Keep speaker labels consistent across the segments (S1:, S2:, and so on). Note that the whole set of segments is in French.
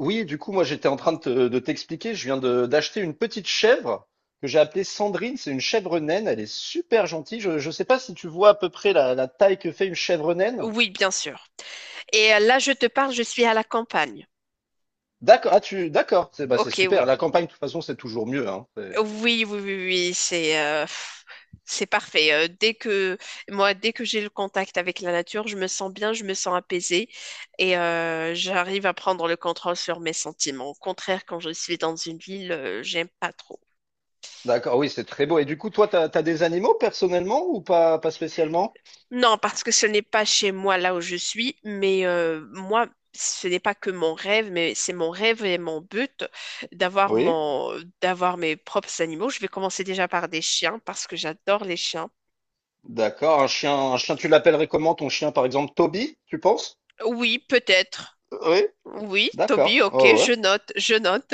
S1: Oui, du coup, moi, j'étais en train de de t'expliquer. Je viens d'acheter une petite chèvre que j'ai appelée Sandrine. C'est une chèvre naine. Elle est super gentille. Je ne sais pas si tu vois à peu près la taille que fait une chèvre naine.
S2: Oui, bien sûr. Là, je te parle, je suis à la campagne.
S1: D'accord. Ah, d'accord. C'est bah, c'est
S2: Ok,
S1: super.
S2: oui.
S1: La campagne, de toute façon, c'est toujours mieux, hein.
S2: Oui, oui, oui, oui, c'est c'est parfait. Dès que j'ai le contact avec la nature, je me sens bien, je me sens apaisée et j'arrive à prendre le contrôle sur mes sentiments. Au contraire, quand je suis dans une ville, j'aime pas trop.
S1: D'accord. Oui, c'est très beau. Et du coup, toi, t'as des animaux personnellement ou pas spécialement?
S2: Non, parce que ce n'est pas chez moi là où je suis, mais moi, ce n'est pas que mon rêve, mais c'est mon rêve et mon but d'avoir
S1: Oui.
S2: mon, d'avoir mes propres animaux. Je vais commencer déjà par des chiens parce que j'adore les chiens.
S1: D'accord. Un chien, tu l'appellerais comment ton chien, par exemple, Toby, tu penses?
S2: Oui, peut-être.
S1: Oui.
S2: Oui, Toby,
S1: D'accord.
S2: ok,
S1: Oh, ouais.
S2: je note.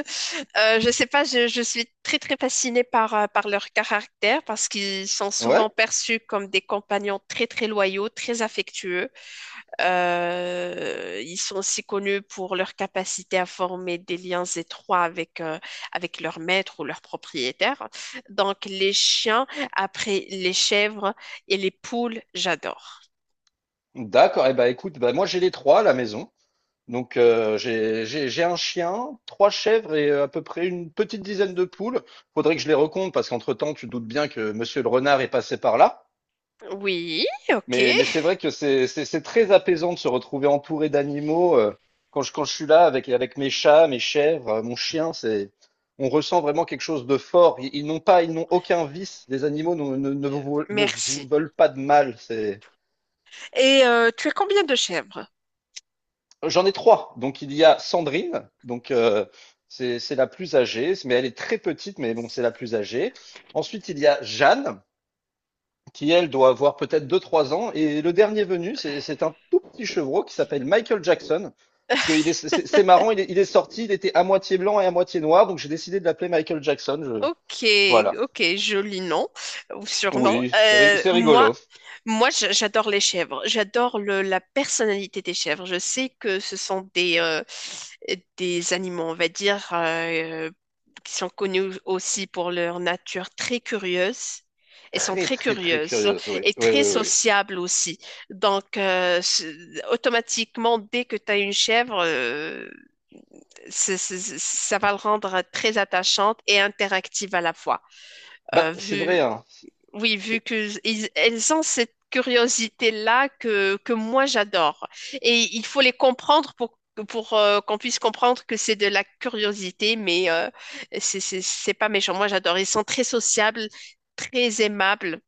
S2: Je sais pas, je suis très très fascinée par leur caractère parce qu'ils sont souvent
S1: Ouais.
S2: perçus comme des compagnons très très loyaux, très affectueux. Ils sont aussi connus pour leur capacité à former des liens étroits avec leur maître ou leur propriétaire. Donc, les chiens, après les chèvres et les poules, j'adore.
S1: D'accord. Eh ben, écoute, bah, moi, j'ai les trois à la maison. Donc j'ai un chien, trois chèvres et à peu près une petite dizaine de poules. Faudrait que je les recompte parce qu'entre-temps, tu te doutes bien que Monsieur le renard est passé par là.
S2: Oui, ok,
S1: Mais c'est vrai que c'est très apaisant de se retrouver entouré d'animaux, quand je suis là avec mes chats, mes chèvres, mon chien. C'est on ressent vraiment quelque chose de fort. Ils n'ont pas ils n'ont aucun vice. Les animaux ne vous
S2: merci.
S1: veulent pas de mal. C'est
S2: Et tu as combien de chèvres?
S1: J'en ai trois. Donc il y a Sandrine, donc, c'est la plus âgée, mais elle est très petite, mais bon, c'est la plus âgée. Ensuite, il y a Jeanne, qui elle doit avoir peut-être deux trois ans. Et le dernier venu, c'est un tout petit chevreau qui s'appelle Michael Jackson. Parce que il est- c'est marrant, il est sorti, il était à moitié blanc et à moitié noir, donc j'ai décidé de l'appeler Michael Jackson.
S2: Ok,
S1: Voilà.
S2: ok, joli nom ou surnom.
S1: Oui, c'est ri-
S2: Euh,
S1: c'est
S2: moi,
S1: rigolo.
S2: moi, j'a- j'adore les chèvres. J'adore la personnalité des chèvres. Je sais que ce sont des des animaux, on va dire, qui sont connus aussi pour leur nature très curieuse. Elles sont
S1: Très,
S2: très
S1: très, très
S2: curieuses
S1: curieuse, oui.
S2: et
S1: Oui,
S2: très
S1: oui, oui. Oui.
S2: sociables aussi. Automatiquement, dès que tu as une chèvre, ça va le rendre très attachante et interactive à la fois.
S1: Bah,
S2: Euh,
S1: c'est vrai,
S2: vu,
S1: hein.
S2: oui, vu que ils- elles ont cette curiosité-là que moi j'adore. Et il faut les comprendre pour qu'on puisse comprendre que c'est de la curiosité, mais c'est pas méchant. Moi j'adore. Ils sont très sociables, très aimables.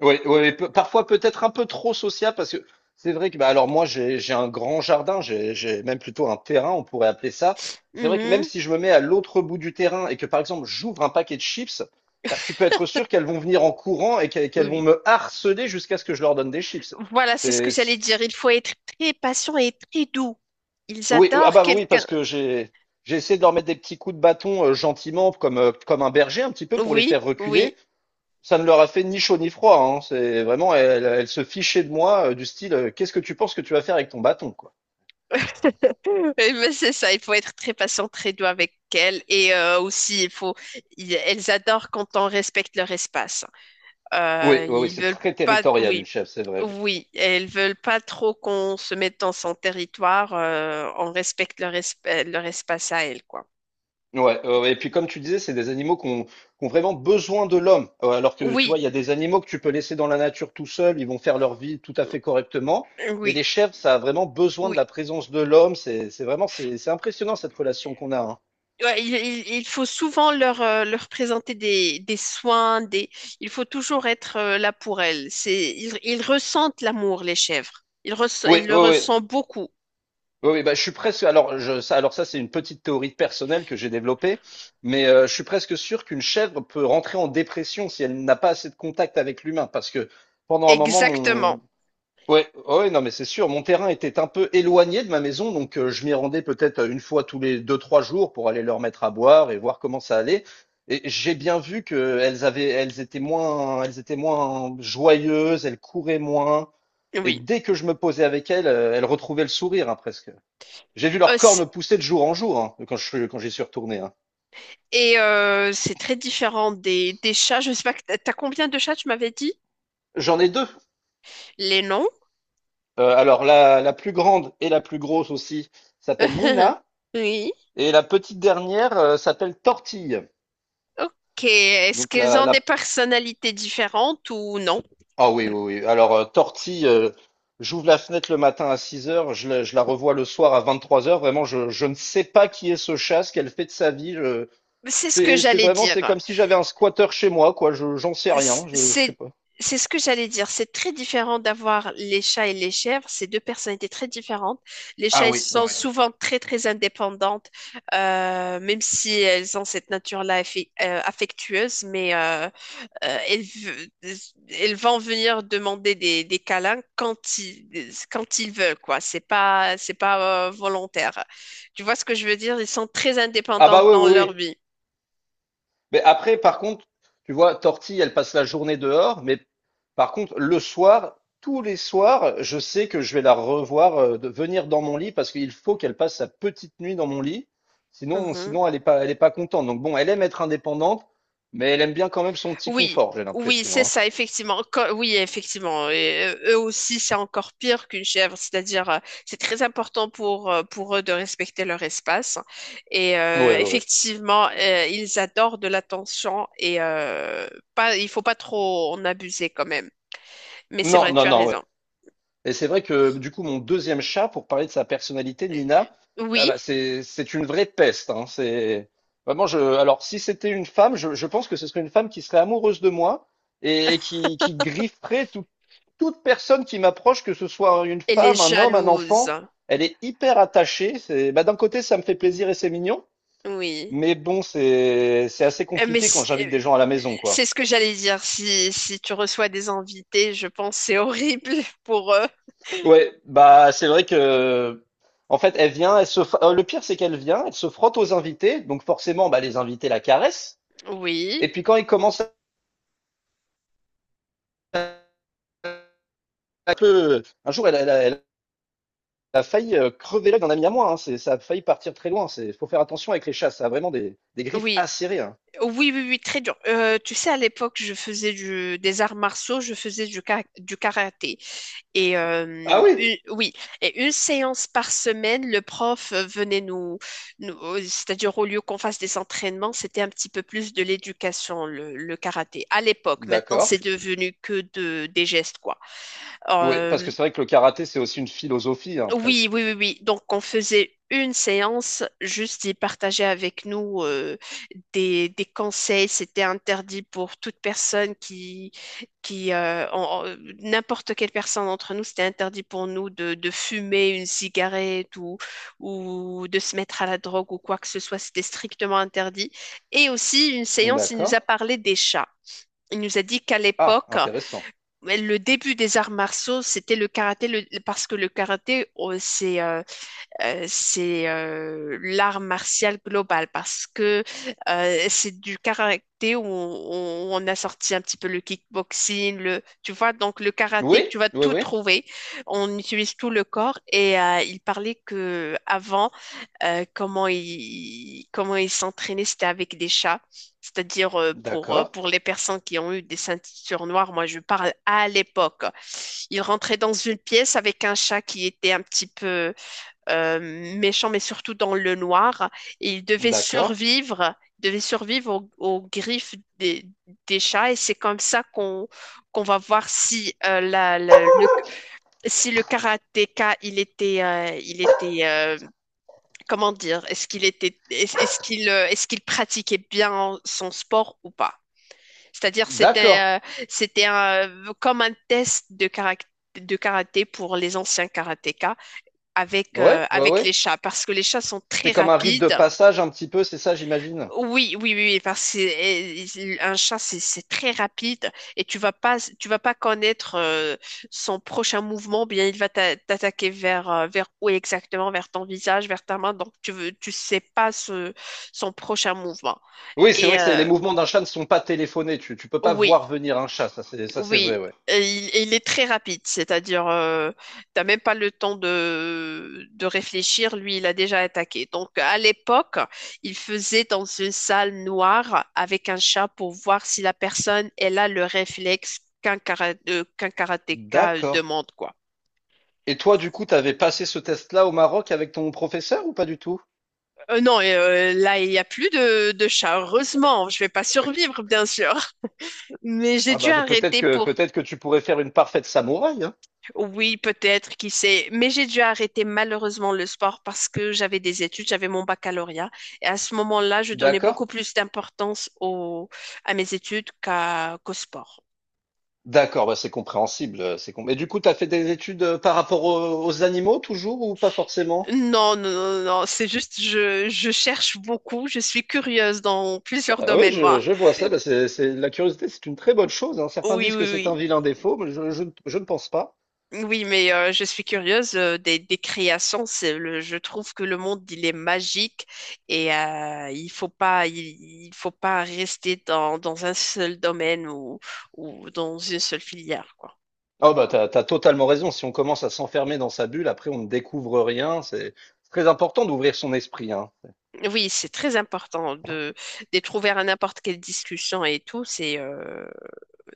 S1: Oui, oui, parfois peut-être un peu trop social, parce que c'est vrai que bah alors moi j'ai un grand jardin, j'ai même plutôt un terrain, on pourrait appeler ça. C'est vrai que même
S2: Mhm.
S1: si je me mets à l'autre bout du terrain et que par exemple j'ouvre un paquet de chips, bah tu peux être sûr qu'elles vont venir en courant et qu'elles
S2: Oui,
S1: qu'elles vont
S2: oui.
S1: me harceler jusqu'à ce que je leur donne des chips.
S2: Voilà, c'est ce que
S1: C'est-
S2: j'allais
S1: c'est-
S2: dire. Il faut être très patient et très doux. Ils
S1: Oui, ah
S2: adorent
S1: bah oui parce
S2: quelqu'un.
S1: que j'ai essayé de leur mettre des petits coups de bâton, gentiment comme, comme un berger un petit peu pour les
S2: Oui,
S1: faire
S2: oui.
S1: reculer. Ça ne leur a fait ni chaud ni froid, hein. C'est vraiment, elle se fichait de moi, du style, qu'est-ce que tu penses que tu vas faire avec ton bâton, quoi.
S2: Eh ben, c'est ça, il faut être très patient, très doux avec elles. Et aussi, elles adorent quand on respecte leur espace.
S1: Oui, oui, oui,
S2: Ils
S1: c'est
S2: veulent
S1: très
S2: pas,
S1: territorial, une
S2: oui,
S1: chèvre, c'est vrai. Oui.
S2: oui, elles veulent pas trop qu'on se mette dans son territoire. On respecte leur espace à elles, quoi.
S1: Ouais, et puis comme tu disais, c'est des animaux qui ont vraiment besoin de l'homme. Alors que tu vois,
S2: Oui,
S1: il y a des animaux que tu peux laisser dans la nature tout seul, ils vont faire leur vie tout à fait correctement. Mais les
S2: oui,
S1: chèvres, ça a vraiment besoin de
S2: oui.
S1: la présence de l'homme. C'est vraiment, c'est impressionnant, cette relation qu'on a, hein.
S2: Il il- faut souvent leur présenter des soins, des… il faut toujours être là pour elles. Ils ressentent l'amour, les chèvres.
S1: Oui,
S2: Ils le
S1: oui, oui.
S2: ressentent beaucoup.
S1: Oui, oui, bah, je suis presque... Alors ça, c'est une petite théorie personnelle que j'ai développée, mais je suis presque sûr qu'une chèvre peut rentrer en dépression si elle n'a pas assez de contact avec l'humain, parce que pendant un moment,
S2: Exactement,
S1: ouais, ouais, non, mais c'est sûr, mon terrain était un peu éloigné de ma maison, donc je m'y rendais peut-être, une fois tous les deux, trois jours, pour aller leur mettre à boire et voir comment ça allait. Et j'ai bien vu que elles étaient moins joyeuses, elles couraient moins, et
S2: oui.
S1: dès que je me posais avec elles, elles retrouvaient le sourire, hein, presque. J'ai vu
S2: Euh,
S1: leurs
S2: c'est-
S1: cornes pousser de jour en jour, hein, quand j'y suis retourné. Hein.
S2: c'est très différent des chats. Je sais pas, que t'as t'as combien de chats, tu m'avais dit?
S1: J'en ai deux.
S2: Les noms?
S1: Alors la plus grande et la plus grosse aussi s'appelle Nina,
S2: Oui.
S1: et la petite dernière, s'appelle Tortille.
S2: Ok. Est-ce
S1: Donc
S2: qu'ils
S1: la,
S2: ont des
S1: la...
S2: personnalités différentes ou non?
S1: ah oui, oui, oui. Alors, Tortille, j'ouvre la fenêtre le matin à 6 heures, je la revois le soir à 23 heures. Vraiment, je ne sais pas qui est ce chat, ce qu'elle fait de sa vie.
S2: C'est ce que
S1: C'est c'est
S2: j'allais
S1: vraiment c'est
S2: dire.
S1: comme si j'avais un squatter chez moi, quoi. Je j'en sais rien. Je sais
S2: c'est
S1: pas.
S2: c'est ce que j'allais dire. C'est très différent d'avoir les chats et les chèvres. C'est deux personnalités très différentes. Les chats,
S1: Ah
S2: elles
S1: oui, oui.
S2: sont
S1: Oui.
S2: souvent très, très indépendantes, même si elles ont cette nature-là affectueuse, mais euh, elles, ve- elles vont venir demander des câlins quand ils veulent, quoi. C'est pas volontaire. Tu vois ce que je veux dire? Ils sont très
S1: Ah
S2: indépendants
S1: bah oui,
S2: dans
S1: oui,
S2: leur
S1: oui.
S2: vie.
S1: Mais après, par contre, tu vois, Tortille, elle passe la journée dehors, mais par contre, le soir, tous les soirs, je sais que je vais la revoir, de venir dans mon lit, parce qu'il faut qu'elle passe sa petite nuit dans mon lit. Sinon, elle est pas contente. Donc bon, elle aime être indépendante, mais elle aime bien quand même son petit
S2: Oui,
S1: confort, j'ai
S2: oui,
S1: l'impression,
S2: c'est
S1: hein.
S2: ça, effectivement. Co- oui, effectivement. Et eux aussi, c'est encore pire qu'une chèvre. C'est-à-dire, c'est très important pour eux de respecter leur espace. Et
S1: Ouais,
S2: euh,
S1: ouais, ouais.
S2: effectivement, ils adorent de l'attention et pas, il faut pas trop en abuser quand même. Mais c'est
S1: Non,
S2: vrai,
S1: non,
S2: tu as
S1: non, ouais.
S2: raison.
S1: Et c'est vrai que du coup, mon deuxième chat, pour parler de sa personnalité,
S2: Euh,
S1: Nina, ah
S2: Oui,
S1: bah, c'est une vraie peste, hein. C'est vraiment je. Alors si c'était une femme, je pense que ce serait une femme qui serait amoureuse de moi, et qui grifferait toute personne qui m'approche, que ce soit une
S2: et les
S1: femme, un homme, un
S2: jalouses.
S1: enfant. Elle est hyper attachée. C'est bah, d'un côté ça me fait plaisir et c'est mignon,
S2: Oui.
S1: mais bon, c'est assez
S2: Euh, Mais
S1: compliqué quand
S2: c-
S1: j'invite
S2: euh,
S1: des gens à la maison, quoi.
S2: c'est ce que j'allais dire. Si, si tu reçois des invités, je pense que c'est horrible pour eux.
S1: Ouais, bah c'est vrai que en fait elle vient, le pire c'est qu'elle vient, elle se frotte aux invités, donc forcément bah les invités la caressent.
S2: Oui.
S1: Et puis quand ils commencent à un peu, un jour elle a failli, crever l'œil d'un ami à moi, hein, ça a failli partir très loin. Faut faire attention avec les chats, ça a vraiment des griffes
S2: Oui,
S1: acérées, hein.
S2: oui, oui, oui, très dur. Tu sais, à l'époque, je faisais du, des arts martiaux, je faisais du karaté. Et
S1: Ah
S2: euh,
S1: oui?
S2: une- oui, et une séance par semaine, le prof venait nous, c'est-à-dire au lieu qu'on fasse des entraînements, c'était un petit peu plus de l'éducation, le karaté. À l'époque, maintenant,
S1: D'accord.
S2: c'est devenu que des gestes, quoi.
S1: Oui, parce
S2: Euh,
S1: que c'est vrai que le karaté c'est aussi une philosophie, hein,
S2: oui,
S1: presque.
S2: oui, oui, oui. Donc, on faisait une séance, juste il partageait avec nous des conseils. C'était interdit pour toute personne qui en- en- n'importe quelle personne d'entre nous, c'était interdit pour nous de fumer une cigarette ou de se mettre à la drogue ou quoi que ce soit. C'était strictement interdit. Et aussi, une séance, il nous
S1: D'accord.
S2: a parlé des chats. Il nous a dit qu'à
S1: Ah,
S2: l'époque,
S1: intéressant.
S2: ouais, le début des arts martiaux, c'était le karaté, le- parce que le karaté, oh, c'est l'art martial global, parce que c'est du karaté où on a sorti un petit peu le kickboxing, le, tu vois, donc le karaté,
S1: Oui,
S2: tu vas
S1: oui,
S2: tout
S1: oui.
S2: trouver. On utilise tout le corps et il parlait que avant comment ils s'entraînaient, c'était avec des chats. C'est-à-dire
S1: D'accord,
S2: pour les personnes qui ont eu des ceintures noires, moi je parle à l'époque. Ils rentraient dans une pièce avec un chat qui était un petit peu méchant, mais surtout dans le noir. Et ils
S1: d'accord,
S2: devaient survivre aux griffes des chats. Et c'est comme ça qu'on qu'on va voir si le karatéka il était, comment dire, est-ce qu'il, est-ce qu'il pratiquait bien son sport ou pas? C'est-à-dire,
S1: d'accord.
S2: c'était comme un test de caractère de karaté pour les anciens karatékas
S1: Ouais, ouais,
S2: avec les
S1: ouais.
S2: chats, parce que les chats sont très
S1: C'est comme un rite de
S2: rapides.
S1: passage un petit peu, c'est ça, j'imagine?
S2: Oui, oui, oui, oui, parce que un chat, c'est très rapide et tu vas pas connaître son prochain mouvement, bien il va t'attaquer vers où exactement, vers ton visage, vers ta main, donc tu veux, tu sais pas ce, son prochain mouvement.
S1: Oui, c'est
S2: Et
S1: vrai que les
S2: euh,
S1: mouvements d'un chat ne sont pas téléphonés. Tu peux pas
S2: oui.
S1: voir venir un chat, ça c'est
S2: Oui,
S1: vrai, ouais.
S2: et il est très rapide, c'est-à-dire, t'as même pas le temps de réfléchir, lui, il a déjà attaqué. Donc, à l'époque, il faisait dans une salle noire avec un chat pour voir si la personne, elle a le réflexe qu'un karatéka
S1: D'accord.
S2: demande, quoi.
S1: Et toi, du coup, t'avais passé ce test-là au Maroc avec ton professeur, ou pas du tout?
S2: Non, là, il n'y a plus de chat, heureusement, je vais pas survivre, bien sûr. Mais j'ai
S1: Ah
S2: dû
S1: bah c'est peut-être
S2: arrêter
S1: que
S2: pour…
S1: peut-être que tu pourrais faire une parfaite samouraï, hein.
S2: oui, peut-être, qui sait. Mais j'ai dû arrêter malheureusement le sport parce que j'avais des études, j'avais mon baccalauréat. Et à ce moment-là, je donnais
S1: D'accord?
S2: beaucoup plus d'importance au, à mes études qu'au sport.
S1: D'accord, bah c'est compréhensible. Et du coup, t'as fait des études, par rapport aux animaux toujours, ou pas forcément?
S2: Non, non, non, non, c'est juste, je cherche beaucoup, je suis curieuse dans plusieurs
S1: Ah oui,
S2: domaines, moi.
S1: je vois ça. Bah, la curiosité, c'est une très bonne chose, hein. Certains
S2: Oui, oui,
S1: disent que c'est un
S2: oui.
S1: vilain défaut, mais je ne pense pas.
S2: Oui, je suis curieuse des créations. C'est le, je trouve que le monde il est magique et il faut pas rester dans un seul domaine ou dans une seule filière quoi.
S1: Oh bah t'as totalement raison. Si on commence à s'enfermer dans sa bulle, après on ne découvre rien. C'est très important d'ouvrir son esprit, hein.
S2: Oui, c'est très important de d'être ouvert à n'importe quelle discussion et tout.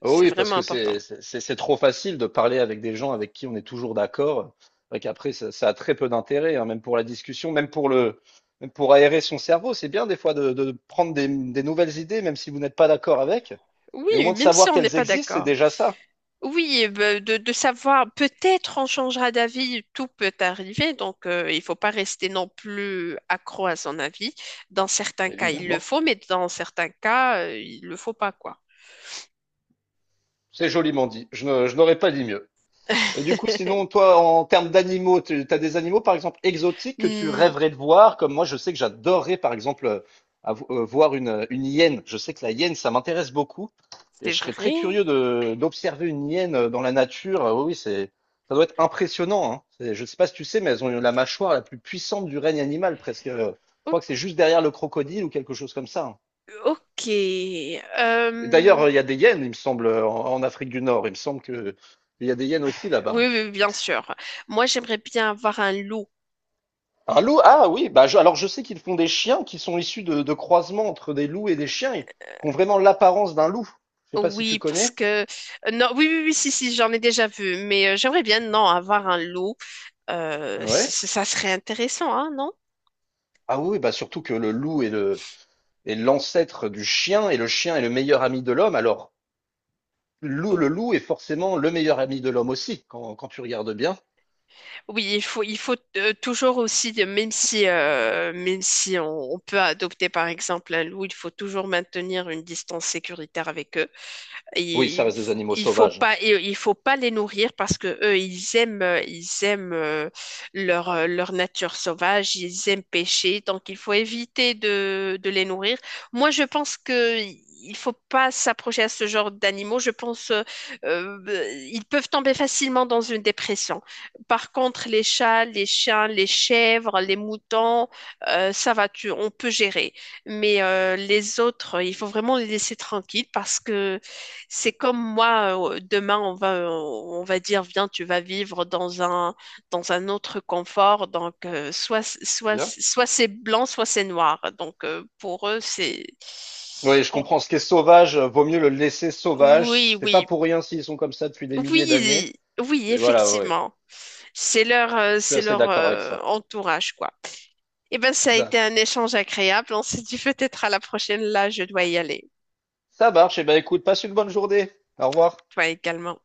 S1: Oh
S2: C'est
S1: oui, parce
S2: vraiment
S1: que
S2: important.
S1: c'est trop facile de parler avec des gens avec qui on est toujours d'accord. C'est vrai qu'après, ça a très peu d'intérêt, hein, même pour la discussion, même pour le, même pour aérer son cerveau. C'est bien des fois de prendre des nouvelles idées, même si vous n'êtes pas d'accord avec. Mais au
S2: Oui,
S1: moins de
S2: même si
S1: savoir
S2: on n'est
S1: qu'elles
S2: pas
S1: existent, c'est
S2: d'accord.
S1: déjà ça.
S2: Oui, de savoir, peut-être on changera d'avis, tout peut arriver, donc il faut pas rester non plus accro à son avis. Dans certains cas, il le
S1: Évidemment.
S2: faut, mais dans certains cas, il le faut pas, quoi.
S1: C'est joliment dit. Je n'aurais pas dit mieux. Et du coup, sinon, toi, en termes d'animaux, tu as des animaux, par exemple, exotiques, que tu
S2: Hmm,
S1: rêverais de voir? Comme moi, je sais que j'adorerais, par exemple, voir une hyène. Je sais que la hyène, ça m'intéresse beaucoup. Et
S2: c'est
S1: je serais très
S2: vrai.
S1: curieux d'observer une hyène, dans la nature. Oui, ça doit être impressionnant, hein. Je ne sais pas si tu sais, mais elles ont la mâchoire la plus puissante du règne animal, presque. Je
S2: O-
S1: crois que c'est juste derrière le crocodile ou quelque chose comme ça, hein.
S2: ok.
S1: Et d'ailleurs,
S2: Euh,
S1: il y a des hyènes, il me semble, en Afrique du Nord. Il me semble que il y a des hyènes aussi là-bas,
S2: oui,
S1: hein.
S2: oui, bien sûr. Moi, j'aimerais bien avoir un loup.
S1: Un loup? Ah oui, bah alors je sais qu'ils font des chiens qui sont issus de croisements entre des loups et des chiens, et qui ont vraiment l'apparence d'un loup. Je sais pas si tu
S2: Oui, parce
S1: connais.
S2: que… non, oui, oui, oui, si, si, j'en ai déjà vu, mais j'aimerais bien, non, avoir un loup. Euh,
S1: Ouais.
S2: ça serait intéressant, hein, non?
S1: Ah oui, oui, bah surtout que le loup est le est l'ancêtre du chien, et le chien est le meilleur ami de l'homme. Alors, le loup est forcément le meilleur ami de l'homme aussi, quand, tu regardes bien.
S2: Oui, il faut toujours aussi, même si on, on peut adopter par exemple un loup, il faut toujours maintenir une distance sécuritaire avec eux.
S1: Oui, ça
S2: Il,
S1: reste des
S2: f-
S1: animaux
S2: il faut
S1: sauvages.
S2: pas, il, il faut pas les nourrir parce que eux, ils aiment leur nature sauvage, ils aiment pêcher, donc il faut éviter de les nourrir. Moi, je pense que il faut pas s'approcher à ce genre d'animaux. Je pense, ils peuvent tomber facilement dans une dépression. Par contre, les chats, les chiens, les chèvres, les moutons, ça va, tu, on peut gérer. Mais les autres, il faut vraiment les laisser tranquilles parce que c'est comme moi, demain, on va dire, viens, tu vas vivre dans un autre confort. Donc, soit, soit,
S1: Bien.
S2: soit c'est blanc, soit c'est noir. Donc, pour eux, c'est…
S1: Oui, je comprends. Ce qui est sauvage, vaut mieux le laisser sauvage.
S2: Oui,
S1: C'est pas
S2: oui,
S1: pour rien s'ils sont comme ça depuis des milliers d'années.
S2: oui, oui,
S1: Et voilà, ouais. Ouais.
S2: effectivement.
S1: Je suis
S2: C'est
S1: assez
S2: leur
S1: d'accord avec ça.
S2: entourage, quoi. Eh ben, ça a été
S1: D'accord.
S2: un échange agréable. On s'est dit peut-être à la prochaine. Là, je dois y aller.
S1: Ça marche. Eh ben, écoute, passe une bonne journée. Au revoir.
S2: Toi également.